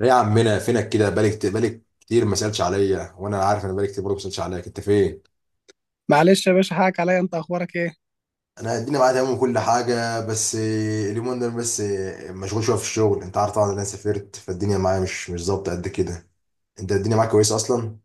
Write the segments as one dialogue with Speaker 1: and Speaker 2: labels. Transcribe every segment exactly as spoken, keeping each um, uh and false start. Speaker 1: ايه يا عمنا فينك كده. بالك بالك كتير، ما سالتش عليا، وانا عارف انا بالك كتير برضه ما سالتش عليك انت فين.
Speaker 2: معلش يا باشا، حقك عليا. انت اخبارك ايه؟
Speaker 1: انا الدنيا معايا تمام وكل حاجه، بس اليومين دول بس مشغول شويه في الشغل. انت عارف طبعا إن انا سافرت، فالدنيا معايا مش مش ظابطه قد كده. انت الدنيا معاك كويسه اصلا.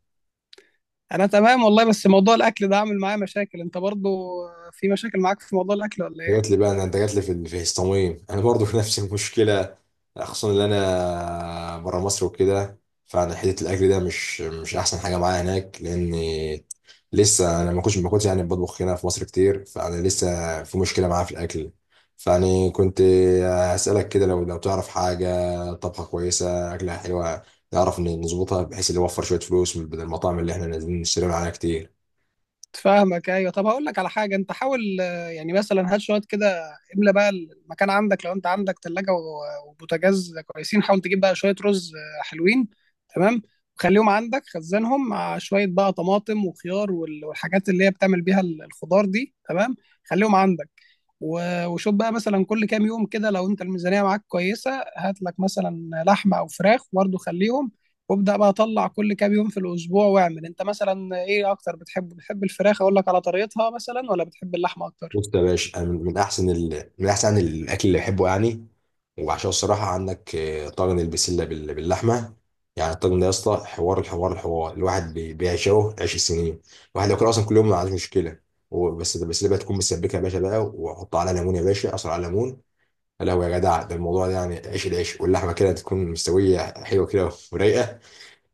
Speaker 2: انا تمام والله، بس موضوع الاكل ده عامل معايا مشاكل. انت برضو في مشاكل معاك في موضوع الاكل ولا
Speaker 1: جات
Speaker 2: ايه؟
Speaker 1: لي بقى انا انت جات لي في في هستوميم، انا برضو في نفس المشكله، خصوصا ان انا بره مصر وكده. فانا حته الاكل ده مش مش احسن حاجه معايا هناك، لان لسه انا ما كنتش ما كنتش يعني بطبخ هنا في مصر كتير، فانا لسه في مشكله معايا في الاكل. فيعني كنت هسالك كده، لو لو تعرف حاجه طبخه كويسه اكلها حلوه، نعرف إن نظبطها بحيث اللي يوفر شويه فلوس من بدل المطاعم اللي احنا نازلين نشتري من عليها كتير.
Speaker 2: فاهمك. ايوه، طب هقول لك على حاجه. انت حاول آه، يعني مثلا هات شويه كده، املى بقى المكان عندك. لو انت عندك ثلاجه وبوتاجاز كويسين، حاول تجيب بقى شويه رز آه، حلوين، تمام. وخليهم عندك، خزنهم مع شويه بقى طماطم وخيار وال- والحاجات اللي هي بتعمل بيها ال- الخضار دي، تمام. خليهم عندك. و- وشوف بقى مثلا كل كام يوم كده، لو انت الميزانيه معاك كويسه، هات لك مثلا لحمه او فراخ برضه، خليهم. وابدا بقى اطلع كل كام يوم في الاسبوع، واعمل انت مثلا ايه اكتر. بتحب بتحب الفراخ، اقول لك على طريقتها، مثلا، ولا بتحب اللحمه اكتر؟
Speaker 1: بص يا باشا، أنا من من احسن ال... من احسن الاكل اللي بحبه يعني وعشان الصراحة عندك آه، طاجن البسلة بال- باللحمة. يعني الطاجن ده يا اسطى حوار! الحوار الحوار الواحد بي- بيعشقه عيش السنين. الواحد لو كان أصلا كل يوم ما عندوش مشكلة. و- بس البسلة بقى تكون مسبكة يا باشا، بقى وحط عليها ليمون يا باشا، أصل على ليمون. يا لهوي يا جدع! ده الموضوع ده، يعني عيش العيش واللحمة كده تكون مستوية حلوة كده ورايقة.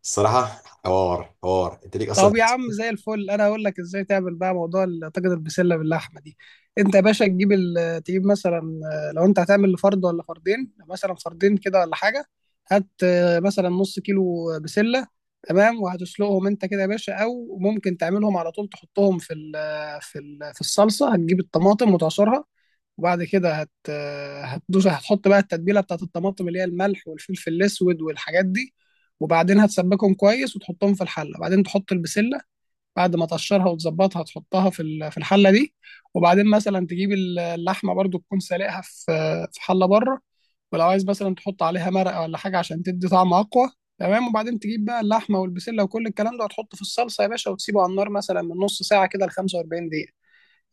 Speaker 1: الصراحة حوار حوار أنت ليك أصلا.
Speaker 2: طب يا عم، زي الفل. انا اقول لك ازاي تعمل بقى موضوع ال- طاجن البسله باللحمه دي. انت يا باشا تجيب ال- تجيب مثلا، آه، لو انت هتعمل لفرد ولا فردين، مثلا فردين كده ولا حاجه، هات آه، مثلا نص كيلو بسله، تمام. وهتسلقهم انت كده يا باشا، او ممكن تعملهم على طول تحطهم في ال في ال في الصلصه. هتجيب الطماطم وتعصرها، وبعد كده هت هتدوس، هتحط بقى التتبيله بتاعت الطماطم، اللي هي الملح والفلفل الاسود والحاجات دي. وبعدين هتسبكهم كويس وتحطهم في الحله، وبعدين تحط البسله بعد ما تقشرها وتظبطها، تحطها في ال- في الحله دي. وبعدين مثلا تجيب ال- اللحمه برضو، تكون سالقها في في حله بره. ولو عايز مثلا تحط عليها مرقه ولا حاجه عشان تدي طعم اقوى، تمام. وبعدين تجيب بقى اللحمه والبسله وكل الكلام ده، وتحطه في الصلصه يا باشا، وتسيبه على النار مثلا من نص ساعه كده ل خمسة وأربعين دقيقه.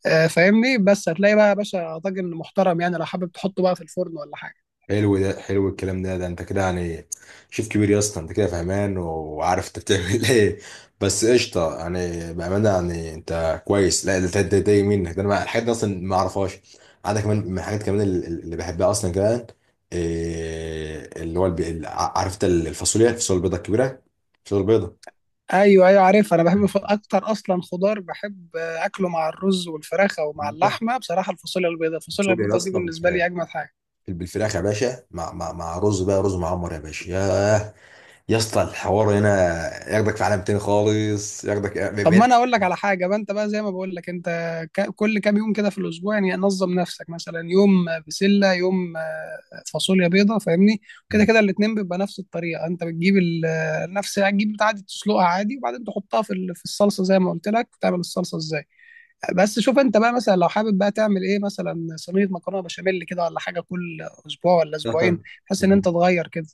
Speaker 2: آه، فاهمني؟ بس هتلاقي بقى يا باشا طاجن محترم، يعني لو حابب تحطه بقى في الفرن ولا حاجه.
Speaker 1: حلو، ده حلو الكلام ده ده انت كده يعني شيف كبير يا اسطى. انت كده فهمان وعارف انت بتعمل ايه. بس قشطه يعني، بامانه يعني انت كويس. لا ده ده, ده يمينك ده، انا ما- الحاجات دي اصلا ما اعرفهاش. عندك كمان من الحاجات كمان اللي اللي بحبها اصلا كمان، إيه اللي هو الب... ال- عارف انت الفاصوليا الفاصوليا البيضاء الكبيره، الفاصوليا البيضاء.
Speaker 2: ايوه ايوه، عارف. انا بحب الف- اكتر اصلا خضار بحب آه، اكله مع الرز والفراخه ومع اللحمه بصراحه، الفاصوليا البيضاء. الفاصوليا
Speaker 1: الفاصوليا يا
Speaker 2: البيضاء دي
Speaker 1: اسطى
Speaker 2: بالنسبه
Speaker 1: بالفراخ.
Speaker 2: لي اجمد حاجه.
Speaker 1: بالفراخ يا باشا، مع مع مع رز بقى، رز معمر يا باشا. ياه يا اسطى، الحوار هنا ياخدك في عالم تاني خالص، ياخدك
Speaker 2: طب،
Speaker 1: بعيد.
Speaker 2: ما انا اقول لك على حاجه بقى. انت بقى زي ما بقول لك، انت ك- كل كام يوم كده في الاسبوع، يعني نظم نفسك، مثلا يوم آه، بسله، يوم آه، فاصوليا بيضاء، فاهمني؟ كده
Speaker 1: مم.
Speaker 2: كده الاتنين بيبقى نفس الطريقه. انت بتجيب ال- آه، نفس، هتجيب عادي تسلقها عادي، وبعدين تحطها في ال- في الصلصه زي ما قلت لك. وتعمل الصلصه ازاي؟ بس شوف انت بقى، مثلا لو حابب بقى تعمل ايه، مثلا صينيه مكرونه بشاميل كده ولا حاجه، كل اسبوع ولا اسبوعين،
Speaker 1: اصلا
Speaker 2: بحيث ان انت
Speaker 1: انت
Speaker 2: تغير كده،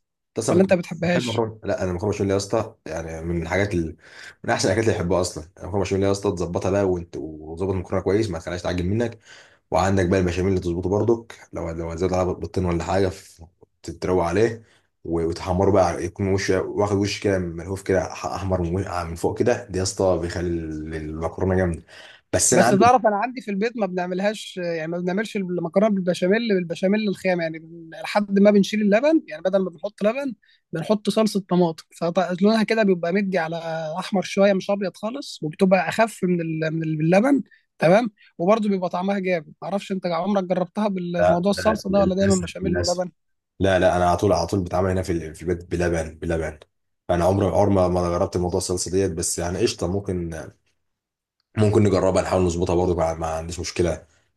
Speaker 2: ولا انت
Speaker 1: اصلا بتحب
Speaker 2: بتحبهاش؟
Speaker 1: مكرونه؟ لا، انا المكرونه بشاميل يا اسطى يعني من الحاجات ال... من احسن الاكلات اللي بحبها اصلا. المكرونه بشاميل يا اسطى، تظبطها بقى وانت وتظبط المكرونه كويس ما تخليهاش تعجن منك. وعندك بقى البشاميل اللي تظبطه برضك، لو لو زاد على بطين ولا حاجه ف- تتروق عليه، و- وتحمره بقى، يكون وش واخد وش كده ملهوف كده، ح- احمر من وش- آه، من فوق كده. ده يا اسطى بيخلي ال- المكرونه جامده. بس انا
Speaker 2: بس
Speaker 1: عندي...
Speaker 2: تعرف انا عندي في البيت ما بنعملهاش يعني، ما بنعملش المكرونه بالبشاميل بالبشاميل الخام يعني، بن- لحد ما بنشيل اللبن يعني، بدل ما بنحط لبن، بنحط صلصه طماطم، فلونها كده بيبقى مدي على احمر شويه، مش ابيض خالص، وبتبقى اخف من ال- من ال- اللبن، تمام. وبرضه بيبقى طعمها جامد. معرفش انت عمرك جربتها
Speaker 1: لا
Speaker 2: بالموضوع
Speaker 1: لا،
Speaker 2: الصلصه ده، ولا دايما
Speaker 1: للاسف
Speaker 2: بشاميل
Speaker 1: للاسف.
Speaker 2: ولبن؟
Speaker 1: لا لا، انا على طول على طول بتعامل هنا في ال- في البيت بلبن بلبن. فانا عمري عمري ما ما جربت موضوع الصلصه ديت، بس يعني قشطه ممكن، ممكن نجربها نحاول نظبطها برضه. ما ما عنديش مشكله،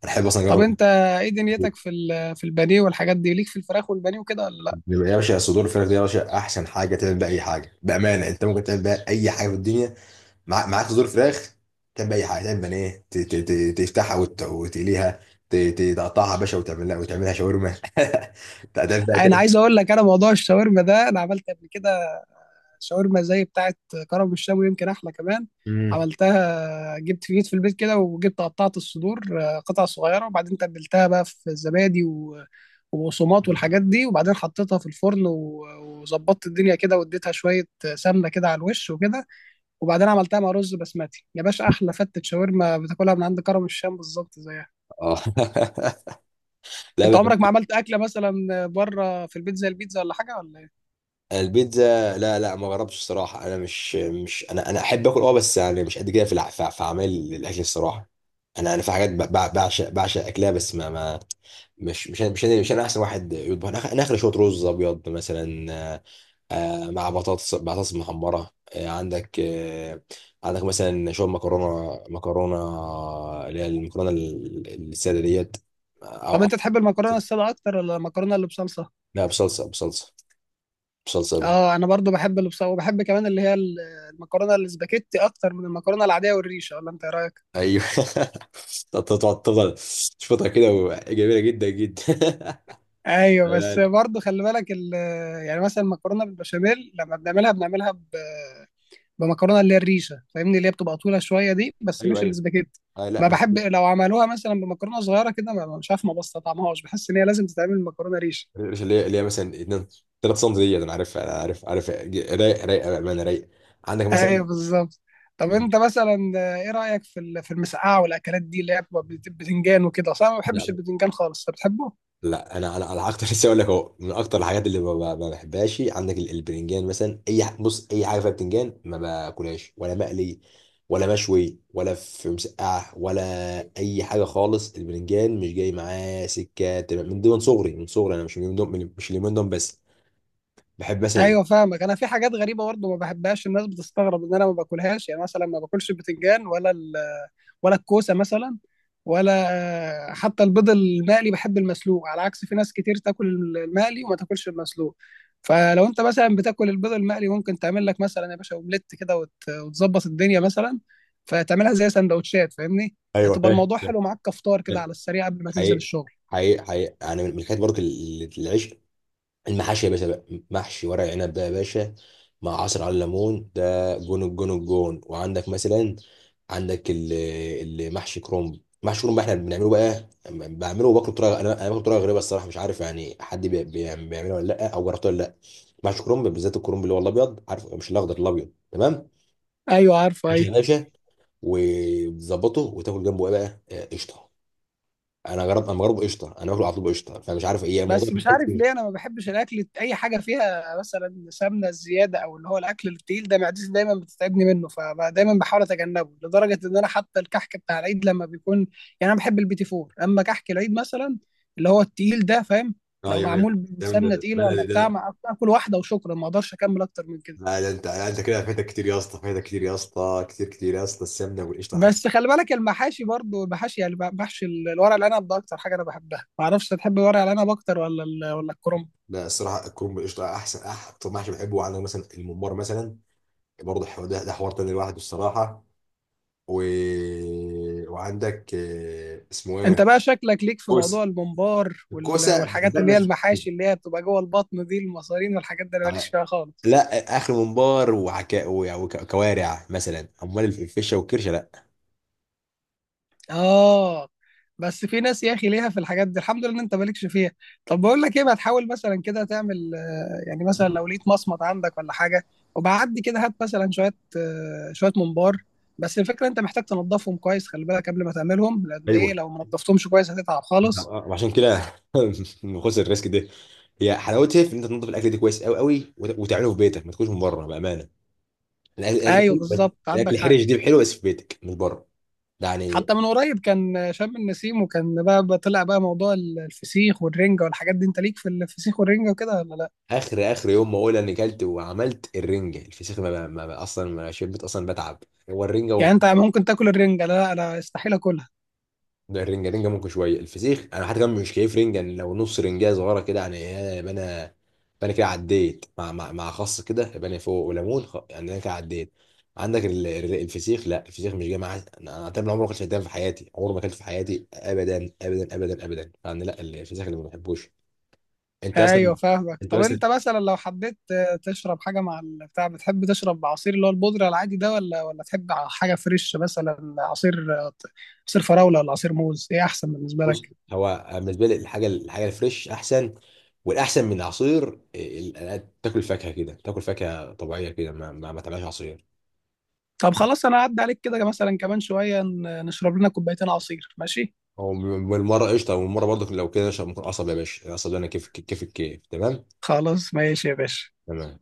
Speaker 1: انا احب اصلا
Speaker 2: طب
Speaker 1: اجرب.
Speaker 2: انت ايه دنيتك في ال- في البانيه والحاجات دي، ليك في الفراخ والبانيه وكده ولا لا؟
Speaker 1: يبقى يا باشا صدور الفراخ دي يا باشا احسن حاجه. تعمل بيها اي حاجه بامانه، انت ممكن تعمل بيها اي حاجه في الدنيا. مع- معاك صدور فراخ، تعمل بيها اي حاجه. تعمل بانيه، ت- ت- ت- تفتحها وت- وتقليها ت- ت- تقطعها يا باشا وتعملها وتعملها شاورما. تعمل بيها،
Speaker 2: انا
Speaker 1: تعمل.
Speaker 2: عايز اقول لك، انا موضوع الشاورما ده انا عملت قبل كده شاورما زي بتاعه كرم الشام، ويمكن احلى كمان.
Speaker 1: مم.
Speaker 2: عملتها، جبت في جيت في البيت كده، وجبت قطعت الصدور آه، قطع صغيره، وبعدين تبلتها بقى في الزبادي و- وبقسماط والحاجات دي، وبعدين حطيتها في الفرن و- وظبطت الدنيا كده، واديتها شويه سمنه كده على الوش وكده، وبعدين عملتها مع رز بسمتي. يا باشا، احلى فتة شاورما بتاكلها من عند كرم الشام، بالظبط زيها.
Speaker 1: اه لا
Speaker 2: انت
Speaker 1: بقى.
Speaker 2: عمرك ما عملت اكله مثلا بره في البيت زي البيتزا ولا حاجه، ولا ايه؟
Speaker 1: البيتزا لا لا، ما جربتش الصراحه. انا مش مش انا انا احب اكل اه، بس يعني مش قد كده في الع- في في اعمال الاكل الصراحه. انا انا في حاجات ب- ب- بعشق بعشق اكلها، بس ما ما مش مش انا مش انا مش انا احسن واحد يطبخ. انا آخ- أنا اخر شويه رز ابيض مثلا، آه، مع بطاطس بطاطس محمره، آه، عندك آه، عندك مثلا شويه مكرونه مكرونه اللي هي المكرونه ال- الساده ديت،
Speaker 2: طب
Speaker 1: او أو-
Speaker 2: انت تحب المكرونه الساده اكتر، ولا المكرونه اللي بصلصه؟
Speaker 1: لا، بصلصه بصلصه بصلصه.
Speaker 2: اه، انا برضو بحب اللي بصلصه، وبحب كمان اللي هي ال- المكرونه الاسباجيتي اكتر من المكرونه العاديه والريشه. ولا انت ايه رايك؟
Speaker 1: ايوه. تقعد تفضل تشوفها كده و- جميله جدا جدا.
Speaker 2: ايوه، بس
Speaker 1: تمام.
Speaker 2: برضو خلي بالك ال- يعني مثلا المكرونه بالبشاميل، لما بنعملها بنعملها ب... بمكرونه اللي هي الريشه، فاهمني؟ اللي هي بتبقى طويله شويه دي، بس
Speaker 1: ايوه
Speaker 2: مش
Speaker 1: ايوه.
Speaker 2: الاسباجيتي.
Speaker 1: آه
Speaker 2: ما
Speaker 1: لا، مش
Speaker 2: بحب لو عملوها مثلا بمكرونه صغيره كده، ما- مش عارف، ما بستطعمهاش، بحس ان هي لازم تتعمل مكرونه ريشه.
Speaker 1: مش اللي هي، اللي هي مثلا اتنين تلاتة سم ديت. انا عارف، انا عارف عارف، ج- رايق، رايق بامانه رايق. عندك مثلا...
Speaker 2: ايوه، بالظبط. طب انت مثلا آه، ايه رايك في ال- في المسقعه والاكلات دي، اللي هي بتبقى بت- بتنجان وكده؟ اصلا أنا ما
Speaker 1: لا
Speaker 2: بحبش البتنجان خالص، انت بتحبه؟
Speaker 1: لا، انا انا على اكتر لسه اقول لك اهو، من اكتر الحاجات اللي ما ما- ما بحبهاش عندك ال- البرنجان مثلا. اي ح- بص، اي حاجه فيها بتنجان ما باكلهاش، ولا مقلي ولا مشوي ولا في مسقعه ولا اي حاجه خالص. البرنجان مش جاي معاه سكه تمام، من دون صغري من صغري. انا مش من دون من- مش اليومين دول بس. بحب مثلا...
Speaker 2: ايوه، فاهمك. انا في حاجات غريبه برضه ما بحبهاش، الناس بتستغرب ان انا ما باكلهاش، يعني مثلا ما باكلش البتنجان، ولا ال ولا الكوسه مثلا، ولا حتى البيض المقلي، بحب المسلوق، على عكس في ناس كتير تاكل المقلي وما تاكلش المسلوق. فلو انت مثلا بتاكل البيض المقلي، ممكن تعمل لك مثلا يا باشا اومليت كده، وت- وتظبط الدنيا، مثلا فتعملها زي سندوتشات، فاهمني؟
Speaker 1: ايوه
Speaker 2: هتبقى
Speaker 1: فاهم.
Speaker 2: الموضوع حلو معاك كفطار كده
Speaker 1: فاهم.
Speaker 2: على السريع قبل ما تنزل
Speaker 1: حقيقي،
Speaker 2: الشغل.
Speaker 1: حقيقي حقيقي انا من من الحاجات برضه ال- ال- العشق، المحاشي يا باشا بقى. محشي ورق عنب ده يا باشا، مع عصير على الليمون، ده جون الجون الجون. وعندك مثلا، عندك ال- المحشي كرنب. محشي كرنب احنا بنعمله بقى، بعمله وباكله بطريقه. انا انا باكله بطريقه غريبه الصراحه، مش عارف يعني حد بي- بي- بيعمله ولا لا، او جربته ولا لا. محشي كرنب، بالذات الكرنب اللي هو الابيض، عارف، مش الاخضر، الابيض تمام.
Speaker 2: ايوه، عارفه.
Speaker 1: محشي
Speaker 2: ايوه،
Speaker 1: يا باشا وتظبطه وتاكل جنبه ايه بقى؟ آه، قشطه. انا جربت، انا جربه قشطه انا باكله على طول بقشطه، فمش عارف ايه الموضوع
Speaker 2: بس مش عارف
Speaker 1: بيتحس-
Speaker 2: ليه انا ما بحبش الاكل اي حاجه فيها مثلا سمنه زياده، او اللي هو الاكل التقيل ده، معدتي دايما بتتعبني منه، فدايما بحاول اتجنبه، لدرجه ان انا حتى الكحك بتاع العيد لما بيكون، يعني انا بحب البيتي فور اما كحك العيد مثلا، اللي هو التقيل ده، فاهم؟ لو
Speaker 1: ايوه ايوه.
Speaker 2: معمول بسمنه
Speaker 1: جامد
Speaker 2: تقيله ولا
Speaker 1: بلدي
Speaker 2: بتاع،
Speaker 1: ده.
Speaker 2: ما اكل واحده وشكرا، ما اقدرش اكمل اكتر من كده.
Speaker 1: لا لا انت، لا انت كده فايتك كتير يا اسطى، فايتك كتير يا اسطى، كتير كتير يا اسطى، السمنه والقشطه حاجه.
Speaker 2: بس خلي بالك، المحاشي برضو، المحاشي يعني محشي الورق العنب ده اكتر حاجه انا بحبها. ما اعرفش تحب ورق العنب اكتر ولا ال- ولا الكرنب؟
Speaker 1: لا الصراحه الكرنب بالقشطه احسن، اكتر محشي بحبه. عندك مثلا الممبار مثلا، برضه الحوار ده, ده حوار تاني لوحده الصراحه. و... وعندك آه، اسمه
Speaker 2: انت
Speaker 1: ايه،
Speaker 2: بقى شكلك ليك في موضوع
Speaker 1: الكوسه،
Speaker 2: الممبار وال-
Speaker 1: الكوسه
Speaker 2: والحاجات
Speaker 1: بحبها
Speaker 2: اللي هي
Speaker 1: بس مش-
Speaker 2: المحاشي، اللي هي بتبقى جوه البطن دي، المصارين والحاجات دي، انا ماليش
Speaker 1: آه،
Speaker 2: فيها خالص.
Speaker 1: لا آه، اخر ممبار وحكا وكوارع مثلا، امال الفشه والكرشه لا.
Speaker 2: اه، بس في ناس يا اخي ليها في الحاجات دي، الحمد لله ان انت مالكش فيها. طب بقول لك ايه، ما تحاول مثلا كده تعمل، آه، يعني مثلا لو لقيت مصمت عندك ولا حاجه، وبعدي كده هات مثلا شويه، آه، شويه ممبار. بس الفكره، انت محتاج تنضفهم كويس، خلي بالك قبل ما تعملهم، لان ايه،
Speaker 1: ايوه
Speaker 2: لو ما نضفتهمش كويس هتتعب خالص.
Speaker 1: آه، وعشان كده خسر الريسك ده. هي حلاوتها في ان انت تنظف الاكل ده كويس قوي قوي، وت- وتعمله في بيتك، ما تكونش من بره بامانه. الاكل، الأكل
Speaker 2: ايوه،
Speaker 1: حلو بس،
Speaker 2: بالظبط،
Speaker 1: الاكل
Speaker 2: عندك حق.
Speaker 1: الحرش دي حلو بس في بيتك مش بره. ده يعني...
Speaker 2: حتى من قريب كان شم النسيم، وكان بقى بقى طلع بقى موضوع ال- الفسيخ والرنجة والحاجات دي. انت ليك في الفسيخ والرنجة وكده ولا لا؟
Speaker 1: اخر اخر يوم ما اقول اني كلت وعملت الرنجه الفسيخ ما, ما ما- اصلا ما شبت اصلا، بتعب. هو الرنجه،
Speaker 2: يعني انت ممكن تاكل الرنجة؟ لا، انا استحيل اكلها.
Speaker 1: ده الرنجة، رنجة ممكن شوية. الفسيخ أنا حتى كمان مش كيف. رنجة يعني لو نص رنجة صغيرة كده يعني، إيه، يبقى أنا، يبقى أنا كده عديت، مع مع, مع خس كده، يبقى أنا فوق وليمون خ... يعني أنا كده عديت. عندك ال- ال- الفسيخ. لا، الفسيخ مش جاي معايا. أنا أنا تقريبا عمري ما أكلت فدان في حياتي، عمري ما أكلت في حياتي أبدا أبدا أبدا أبدا يعني. لا الفسيخ اللي ما بحبوش أنت
Speaker 2: ايوه،
Speaker 1: أصلا.
Speaker 2: فاهمك.
Speaker 1: أنت
Speaker 2: طب
Speaker 1: مثلا...
Speaker 2: انت مثلا لو حبيت آه، تشرب حاجة مع البتاع، بتحب تشرب عصير اللي هو البودرة العادي ده، ولا ولا تحب حاجة فريش مثلا، عصير آه، عصير فراولة ولا عصير موز، ايه احسن بالنسبة
Speaker 1: بص،
Speaker 2: لك؟
Speaker 1: هو بالنسبة لي الحاجة، الحاجة الفريش أحسن، والأحسن من العصير ال- ال- تاكل فاكهة كده، تاكل فاكهة طبيعية كده، ما ما, ما تعملهاش عصير.
Speaker 2: طب خلاص، انا هعدي عليك كده مثلا كمان شوية، ن- نشرب لنا كوبايتين عصير، ماشي؟
Speaker 1: هو م- والمره قشطه والمره برضه لو كده، عشان ممكن قصب يا باشا. القصب ده انا كيف، كيف الكيف تمام.
Speaker 2: خلاص، ماشي يا باشا.
Speaker 1: تمام.